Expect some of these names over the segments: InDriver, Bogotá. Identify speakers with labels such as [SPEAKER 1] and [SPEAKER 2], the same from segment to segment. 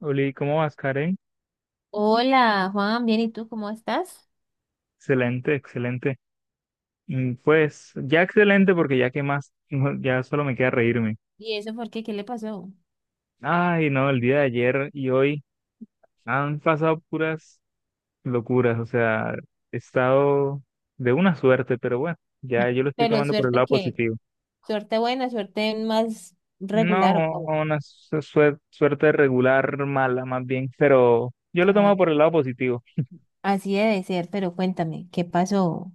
[SPEAKER 1] Oli, ¿cómo vas, Karen?
[SPEAKER 2] Hola, Juan, bien, ¿y tú cómo estás?
[SPEAKER 1] Excelente, excelente. Mm, pues ya excelente porque ya que más, no, ya solo me queda reírme.
[SPEAKER 2] ¿Y eso por qué? ¿Qué le pasó?
[SPEAKER 1] Ay, no, el día de ayer y hoy han pasado puras locuras. O sea, he estado de una suerte, pero bueno, ya yo lo estoy
[SPEAKER 2] Pero
[SPEAKER 1] tomando por el lado positivo.
[SPEAKER 2] suerte buena, suerte más
[SPEAKER 1] No,
[SPEAKER 2] regular o cómo.
[SPEAKER 1] una suerte regular, mala más bien, pero yo lo
[SPEAKER 2] Ajá,
[SPEAKER 1] tomo por el lado positivo.
[SPEAKER 2] así debe ser, pero cuéntame, ¿qué pasó?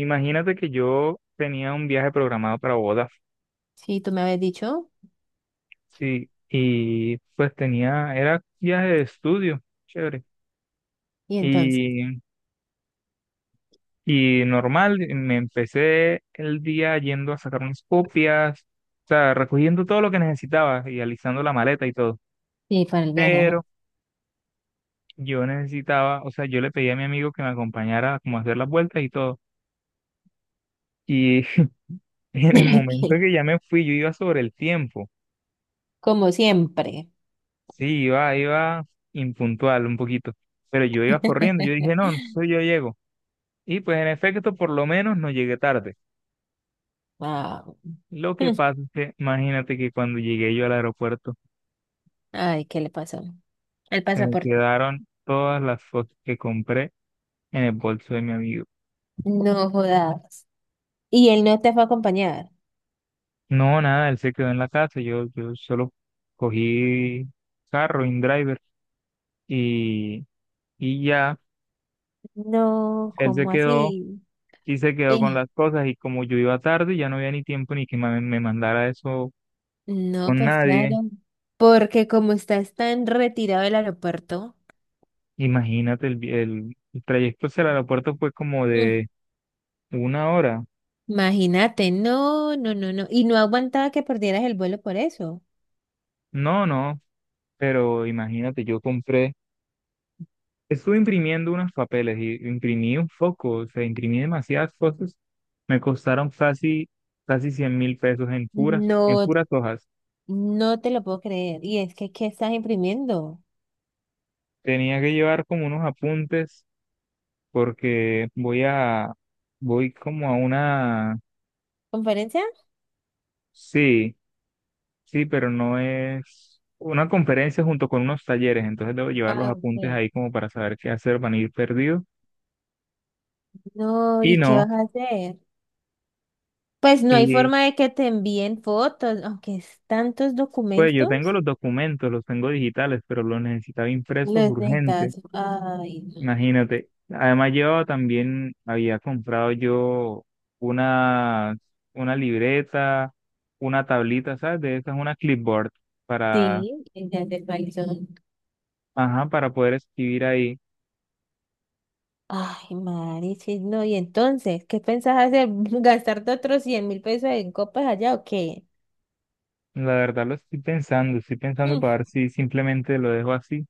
[SPEAKER 1] Imagínate que yo tenía un viaje programado para Bogotá.
[SPEAKER 2] Sí, tú me habías dicho,
[SPEAKER 1] Sí, y pues tenía, era viaje de estudio, chévere.
[SPEAKER 2] y entonces,
[SPEAKER 1] Y, y normal, me empecé el día yendo a sacar unas copias, o sea, recogiendo todo lo que necesitaba y alisando la maleta y todo.
[SPEAKER 2] sí, para el viaje, ajá.
[SPEAKER 1] Pero yo necesitaba, o sea, yo le pedí a mi amigo que me acompañara como a hacer las vueltas y todo. Y en el momento
[SPEAKER 2] Que,
[SPEAKER 1] que ya me fui, yo iba sobre el tiempo.
[SPEAKER 2] como siempre.
[SPEAKER 1] Sí, iba impuntual un poquito. Pero yo iba corriendo. Yo dije, no, entonces yo llego. Y pues en efecto, por lo menos no llegué tarde.
[SPEAKER 2] Wow.
[SPEAKER 1] Lo que pasa es que imagínate que cuando llegué yo al aeropuerto,
[SPEAKER 2] Ay, ¿qué le pasó? El
[SPEAKER 1] se me
[SPEAKER 2] pasaporte.
[SPEAKER 1] quedaron todas las fotos que compré en el bolso de mi amigo.
[SPEAKER 2] No jodas. ¿Y él no te fue a acompañar?
[SPEAKER 1] No, nada, él se quedó en la casa, yo solo cogí carro, InDriver, y, y ya,
[SPEAKER 2] No,
[SPEAKER 1] él se
[SPEAKER 2] ¿cómo
[SPEAKER 1] quedó
[SPEAKER 2] así?
[SPEAKER 1] y se quedó con las cosas, y como yo iba tarde, ya no había ni tiempo ni que me mandara eso
[SPEAKER 2] No,
[SPEAKER 1] con
[SPEAKER 2] pues
[SPEAKER 1] nadie.
[SPEAKER 2] claro, porque como estás tan retirado del aeropuerto,
[SPEAKER 1] Imagínate, el trayecto hacia el aeropuerto fue como
[SPEAKER 2] mm,
[SPEAKER 1] de una hora.
[SPEAKER 2] imagínate, no, no, no, no, y no aguantaba que perdieras el vuelo por eso.
[SPEAKER 1] No, no, pero imagínate, yo compré, estuve imprimiendo unos papeles y imprimí un foco, o sea, imprimí demasiadas fotos. Me costaron casi, casi 100.000 pesos en
[SPEAKER 2] No,
[SPEAKER 1] puras hojas.
[SPEAKER 2] no te lo puedo creer. Y es que, ¿qué estás imprimiendo?
[SPEAKER 1] Tenía que llevar como unos apuntes porque voy a, voy como a una,
[SPEAKER 2] ¿Conferencia?
[SPEAKER 1] sí, sí, pero no, es una conferencia junto con unos talleres, entonces debo llevar los
[SPEAKER 2] Ah,
[SPEAKER 1] apuntes
[SPEAKER 2] ok.
[SPEAKER 1] ahí como para saber qué hacer, van a ir perdidos
[SPEAKER 2] No,
[SPEAKER 1] y
[SPEAKER 2] ¿y qué
[SPEAKER 1] no.
[SPEAKER 2] vas a hacer? Pues no hay
[SPEAKER 1] Y
[SPEAKER 2] forma de que te envíen fotos, aunque es tantos
[SPEAKER 1] pues yo
[SPEAKER 2] documentos,
[SPEAKER 1] tengo los documentos, los tengo digitales, pero los necesitaba
[SPEAKER 2] los
[SPEAKER 1] impresos
[SPEAKER 2] necesitas.
[SPEAKER 1] urgente,
[SPEAKER 2] Ay, no.
[SPEAKER 1] imagínate. Además yo también había comprado yo una, una libreta, una tablita, ¿sabes? De esas, una clipboard para,
[SPEAKER 2] Sí, ya te actualizó.
[SPEAKER 1] ajá, para poder escribir ahí.
[SPEAKER 2] Ay, Marichis, no, y entonces, ¿qué pensás hacer? ¿Gastarte otros 100 mil pesos en copas allá o qué?
[SPEAKER 1] La verdad lo estoy pensando
[SPEAKER 2] Mm,
[SPEAKER 1] para ver si simplemente lo dejo así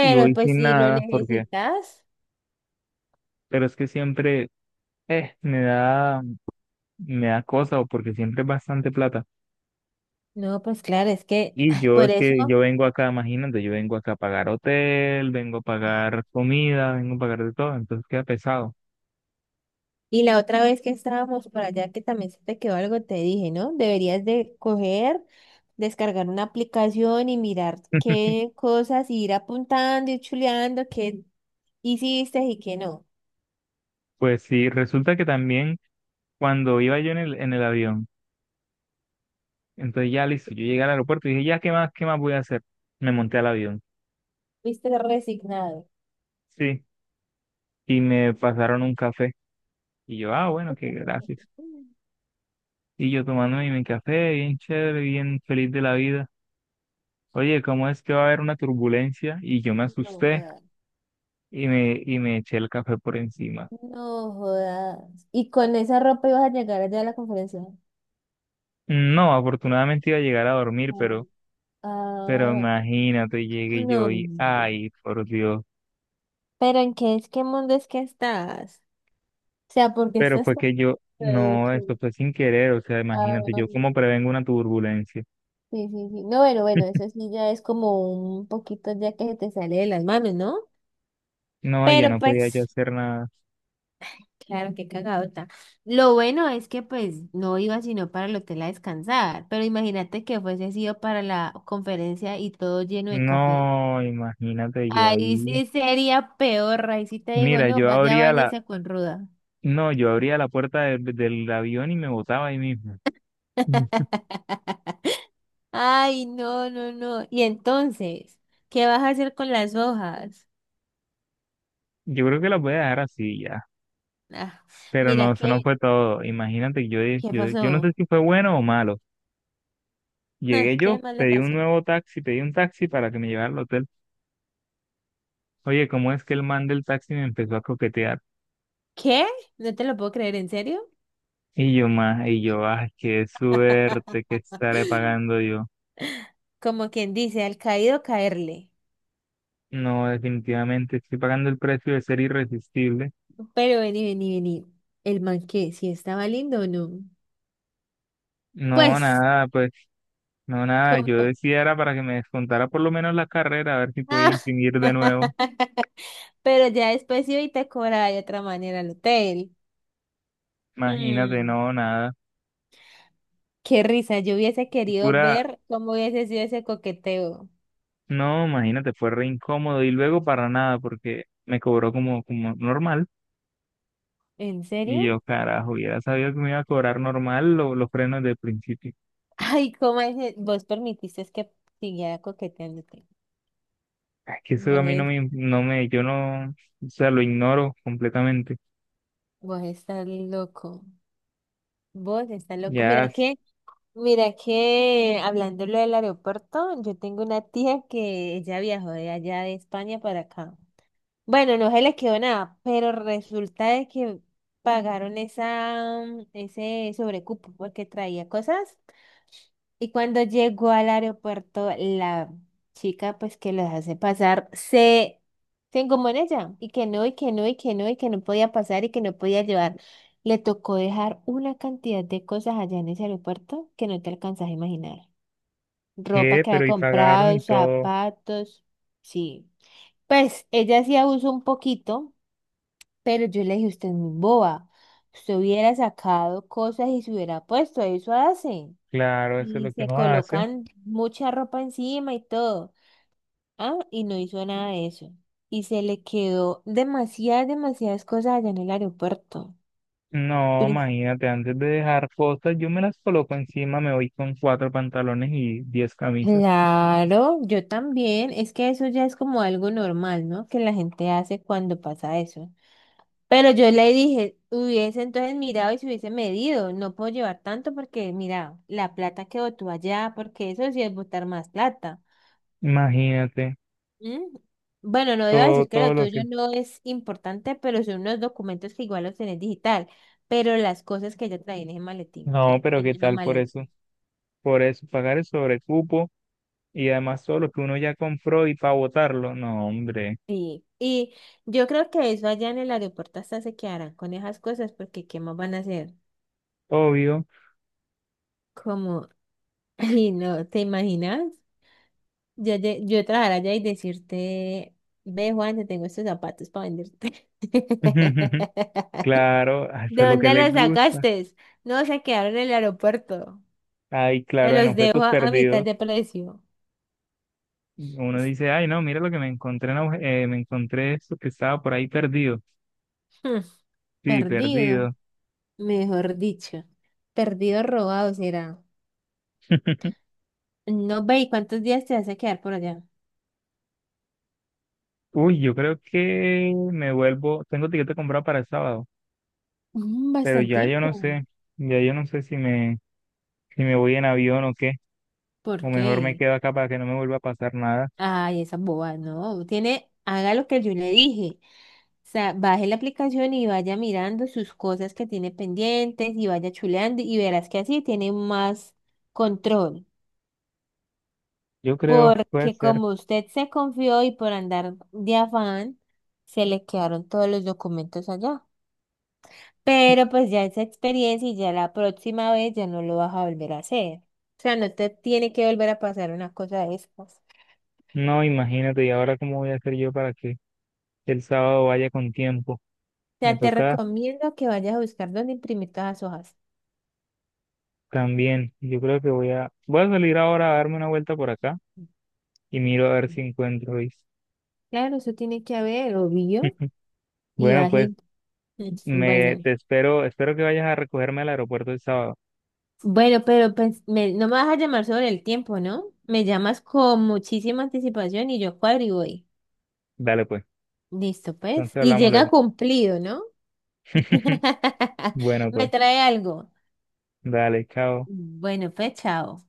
[SPEAKER 1] y voy
[SPEAKER 2] pues
[SPEAKER 1] sin
[SPEAKER 2] si lo
[SPEAKER 1] nada, porque,
[SPEAKER 2] necesitas,
[SPEAKER 1] pero es que siempre, eh, me da, me da cosa, o porque siempre es bastante plata.
[SPEAKER 2] no, pues claro, es que,
[SPEAKER 1] Y
[SPEAKER 2] ay,
[SPEAKER 1] yo
[SPEAKER 2] por
[SPEAKER 1] es
[SPEAKER 2] eso,
[SPEAKER 1] que yo vengo acá, imagínate, yo vengo acá a pagar hotel, vengo a pagar comida, vengo a pagar de todo, entonces queda pesado.
[SPEAKER 2] y la otra vez que estábamos por allá, que también se te quedó algo, te dije, ¿no? Deberías de coger, descargar una aplicación y mirar qué cosas, y ir apuntando y chuleando qué hiciste y qué no.
[SPEAKER 1] Pues sí, resulta que también cuando iba yo en el avión, entonces ya listo, yo llegué al aeropuerto y dije, ya, qué más voy a hacer? Me monté al avión,
[SPEAKER 2] Fuiste resignado.
[SPEAKER 1] sí, y me pasaron un café. Y yo, ah, bueno, qué, gracias.
[SPEAKER 2] Mm,
[SPEAKER 1] Y yo tomándome mi café, bien chévere, bien feliz de la vida. Oye, ¿cómo es que va a haber una turbulencia? Y yo me
[SPEAKER 2] no,
[SPEAKER 1] asusté
[SPEAKER 2] no.
[SPEAKER 1] y me eché el café por encima.
[SPEAKER 2] No jodas. ¿Y con esa ropa ibas a llegar allá a la conferencia?
[SPEAKER 1] No, afortunadamente iba a llegar a dormir,
[SPEAKER 2] Mm.
[SPEAKER 1] pero
[SPEAKER 2] Ah,
[SPEAKER 1] imagínate, llegué yo y,
[SPEAKER 2] no.
[SPEAKER 1] ay, por Dios.
[SPEAKER 2] ¿Pero en qué es qué mundo es que estás? O sea, ¿por qué
[SPEAKER 1] Pero
[SPEAKER 2] estás
[SPEAKER 1] fue
[SPEAKER 2] tan
[SPEAKER 1] que yo,
[SPEAKER 2] digo
[SPEAKER 1] no,
[SPEAKER 2] que...
[SPEAKER 1] eso fue sin querer. O sea, imagínate,
[SPEAKER 2] Ah,
[SPEAKER 1] yo cómo prevengo una turbulencia.
[SPEAKER 2] sí, sí, sí. No, bueno, bueno, eso sí ya es como un poquito ya que se te sale de las manos, ¿no?
[SPEAKER 1] No, ya
[SPEAKER 2] Pero
[SPEAKER 1] no podía yo
[SPEAKER 2] pues,
[SPEAKER 1] hacer nada.
[SPEAKER 2] claro, qué cagadota. Lo bueno es que pues no iba sino para el hotel a descansar, pero imagínate que fuese sido para la conferencia y todo lleno de café.
[SPEAKER 1] No, imagínate, yo
[SPEAKER 2] Ahí
[SPEAKER 1] ahí.
[SPEAKER 2] sí sería peor, ahí sí te digo,
[SPEAKER 1] Mira,
[SPEAKER 2] no,
[SPEAKER 1] yo
[SPEAKER 2] vaya,
[SPEAKER 1] abría la,
[SPEAKER 2] báñese con ruda.
[SPEAKER 1] no, yo abría la puerta del avión y me botaba ahí mismo. Mm.
[SPEAKER 2] Ay, no, no, no. Y entonces, ¿qué vas a hacer con las hojas?
[SPEAKER 1] Yo creo que la voy a dejar así ya.
[SPEAKER 2] Ah,
[SPEAKER 1] Pero no,
[SPEAKER 2] mira,
[SPEAKER 1] eso no
[SPEAKER 2] ¿qué,
[SPEAKER 1] fue todo. Imagínate,
[SPEAKER 2] qué
[SPEAKER 1] yo no sé
[SPEAKER 2] pasó?
[SPEAKER 1] si fue bueno o malo.
[SPEAKER 2] Ah,
[SPEAKER 1] Llegué
[SPEAKER 2] ¿qué
[SPEAKER 1] yo,
[SPEAKER 2] más le
[SPEAKER 1] pedí un
[SPEAKER 2] pasó?
[SPEAKER 1] nuevo taxi, pedí un taxi para que me llevara al hotel. Oye, ¿cómo es que el man del taxi me empezó a coquetear?
[SPEAKER 2] ¿Qué? No te lo puedo creer, ¿en serio?
[SPEAKER 1] Y yo más, y yo, ay, qué suerte, que estaré pagando yo.
[SPEAKER 2] Como quien dice, al caído caerle.
[SPEAKER 1] No, definitivamente estoy pagando el precio de ser irresistible.
[SPEAKER 2] Pero vení, vení, vení. El man que, si estaba lindo o no.
[SPEAKER 1] No,
[SPEAKER 2] Pues,
[SPEAKER 1] nada, pues, no, nada. Yo
[SPEAKER 2] como.
[SPEAKER 1] decía era para que me descontara por lo menos la carrera, a ver si podía
[SPEAKER 2] Ah.
[SPEAKER 1] imprimir de nuevo.
[SPEAKER 2] Pero ya después iba y te cobraba de otra manera el hotel.
[SPEAKER 1] Imagínate,
[SPEAKER 2] Mm,
[SPEAKER 1] no, nada.
[SPEAKER 2] qué risa, yo hubiese querido
[SPEAKER 1] Pura,
[SPEAKER 2] ver cómo hubiese sido ese coqueteo.
[SPEAKER 1] no, imagínate, fue re incómodo y luego para nada porque me cobró como, como normal.
[SPEAKER 2] ¿En
[SPEAKER 1] Y
[SPEAKER 2] serio?
[SPEAKER 1] yo, carajo, hubiera sabido que me iba a cobrar normal los frenos del principio.
[SPEAKER 2] Ay, ¿cómo es? Que vos permitiste que siguiera coqueteándote.
[SPEAKER 1] Es que eso
[SPEAKER 2] Vos,
[SPEAKER 1] a mí no me, no me, yo no, o sea, lo ignoro completamente.
[SPEAKER 2] vos estás loco. Vos estás loco.
[SPEAKER 1] Ya,
[SPEAKER 2] Mira que hablándolo del aeropuerto, yo tengo una tía que ella viajó de allá de España para acá. Bueno, no se les quedó nada, pero resulta de que pagaron ese sobrecupo porque traía cosas y cuando llegó al aeropuerto la chica pues que los hace pasar se engomó en ella y que no y que no y que no y que no podía pasar y que no podía llevar. Le tocó dejar una cantidad de cosas allá en ese aeropuerto que no te alcanzas a imaginar. Ropa
[SPEAKER 1] ¿qué?
[SPEAKER 2] que había
[SPEAKER 1] ¿Pero y pagaron
[SPEAKER 2] comprado,
[SPEAKER 1] y todo?
[SPEAKER 2] zapatos, sí. Pues ella sí abusó un poquito pero yo le dije, usted es muy boba. Usted hubiera sacado cosas y se hubiera puesto, eso hace.
[SPEAKER 1] Claro, eso es
[SPEAKER 2] Y
[SPEAKER 1] lo que
[SPEAKER 2] se
[SPEAKER 1] uno hace.
[SPEAKER 2] colocan mucha ropa encima y todo. Ah, y no hizo nada de eso. Y se le quedó demasiadas, demasiadas cosas allá en el aeropuerto.
[SPEAKER 1] No,
[SPEAKER 2] Pero...
[SPEAKER 1] imagínate, antes de dejar cosas, yo me las coloco encima, me voy con cuatro pantalones y 10 camisas.
[SPEAKER 2] Claro, yo también. Es que eso ya es como algo normal, ¿no? Que la gente hace cuando pasa eso. Pero yo le dije, hubiese entonces mirado y se hubiese medido, no puedo llevar tanto porque, mira, la plata que botó allá, porque eso sí es botar más plata.
[SPEAKER 1] Imagínate,
[SPEAKER 2] ¿Mm? Bueno, no debo
[SPEAKER 1] todo,
[SPEAKER 2] decir que
[SPEAKER 1] todo
[SPEAKER 2] lo
[SPEAKER 1] lo que...
[SPEAKER 2] tuyo no es importante, pero son unos documentos que igual los tenés digital, pero las cosas que yo traía en ese maletín,
[SPEAKER 1] No,
[SPEAKER 2] que
[SPEAKER 1] pero
[SPEAKER 2] en
[SPEAKER 1] ¿qué
[SPEAKER 2] esa
[SPEAKER 1] tal por
[SPEAKER 2] maleta.
[SPEAKER 1] eso? Por eso, pagar el sobrecupo y además todo lo que uno ya compró y para botarlo. No, hombre.
[SPEAKER 2] Sí, y yo creo que eso allá en el aeropuerto hasta se quedarán con esas cosas porque ¿qué más van a hacer?
[SPEAKER 1] Obvio.
[SPEAKER 2] Como, ay no, ¿te imaginas? Yo, yo trabajar allá y decirte, ve Juan, te tengo estos zapatos para venderte.
[SPEAKER 1] Claro, a eso
[SPEAKER 2] ¿De
[SPEAKER 1] es lo que
[SPEAKER 2] dónde
[SPEAKER 1] les
[SPEAKER 2] los
[SPEAKER 1] gusta.
[SPEAKER 2] sacaste? No, se quedaron en el aeropuerto.
[SPEAKER 1] Ay,
[SPEAKER 2] Te
[SPEAKER 1] claro, en
[SPEAKER 2] los dejo
[SPEAKER 1] objetos
[SPEAKER 2] a mitad
[SPEAKER 1] perdidos,
[SPEAKER 2] de precio.
[SPEAKER 1] uno dice, ay, no, mira lo que me encontré, en me encontré esto que estaba por ahí perdido.
[SPEAKER 2] Hmm,
[SPEAKER 1] Sí,
[SPEAKER 2] perdido,
[SPEAKER 1] perdido.
[SPEAKER 2] mejor dicho. Perdido robado será. No ve, ¿y cuántos días te vas a quedar por allá?
[SPEAKER 1] Uy, yo creo que me vuelvo, tengo tiquete comprado para el sábado,
[SPEAKER 2] Mm,
[SPEAKER 1] pero ya yo
[SPEAKER 2] bastantico.
[SPEAKER 1] no sé, ya yo no sé si me, si me voy en avión o qué,
[SPEAKER 2] ¿Por
[SPEAKER 1] o mejor me
[SPEAKER 2] qué?
[SPEAKER 1] quedo acá para que no me vuelva a pasar nada.
[SPEAKER 2] Ay, esa boba, no. Tiene, haga lo que yo le dije. O sea, baje la aplicación y vaya mirando sus cosas que tiene pendientes y vaya chuleando y verás que así tiene más control.
[SPEAKER 1] Yo creo, puede
[SPEAKER 2] Porque
[SPEAKER 1] ser.
[SPEAKER 2] como usted se confió y por andar de afán, se le quedaron todos los documentos allá. Pero pues ya esa experiencia y ya la próxima vez ya no lo vas a volver a hacer. O sea, no te tiene que volver a pasar una cosa de estas.
[SPEAKER 1] No, imagínate, ¿y ahora cómo voy a hacer yo para que el sábado vaya con tiempo?
[SPEAKER 2] O
[SPEAKER 1] Me
[SPEAKER 2] sea, te
[SPEAKER 1] toca
[SPEAKER 2] recomiendo que vayas a buscar dónde imprimir todas las hojas.
[SPEAKER 1] también, yo creo que voy a, voy a salir ahora a darme una vuelta por acá y miro a ver si encuentro Luis.
[SPEAKER 2] Claro, eso tiene que haber, obvio. Y
[SPEAKER 1] Bueno,
[SPEAKER 2] vas a
[SPEAKER 1] pues
[SPEAKER 2] ir.
[SPEAKER 1] me
[SPEAKER 2] Bueno,
[SPEAKER 1] te espero, espero que vayas a recogerme al aeropuerto el sábado.
[SPEAKER 2] bueno, pero pues, no me vas a llamar sobre el tiempo, ¿no? Me llamas con muchísima anticipación y yo cuadro y voy.
[SPEAKER 1] Dale pues,
[SPEAKER 2] Listo, pues.
[SPEAKER 1] entonces
[SPEAKER 2] Y
[SPEAKER 1] hablamos luego.
[SPEAKER 2] llega cumplido, ¿no?
[SPEAKER 1] Bueno,
[SPEAKER 2] Me
[SPEAKER 1] pues,
[SPEAKER 2] trae algo.
[SPEAKER 1] dale, chao.
[SPEAKER 2] Bueno, pues, chao.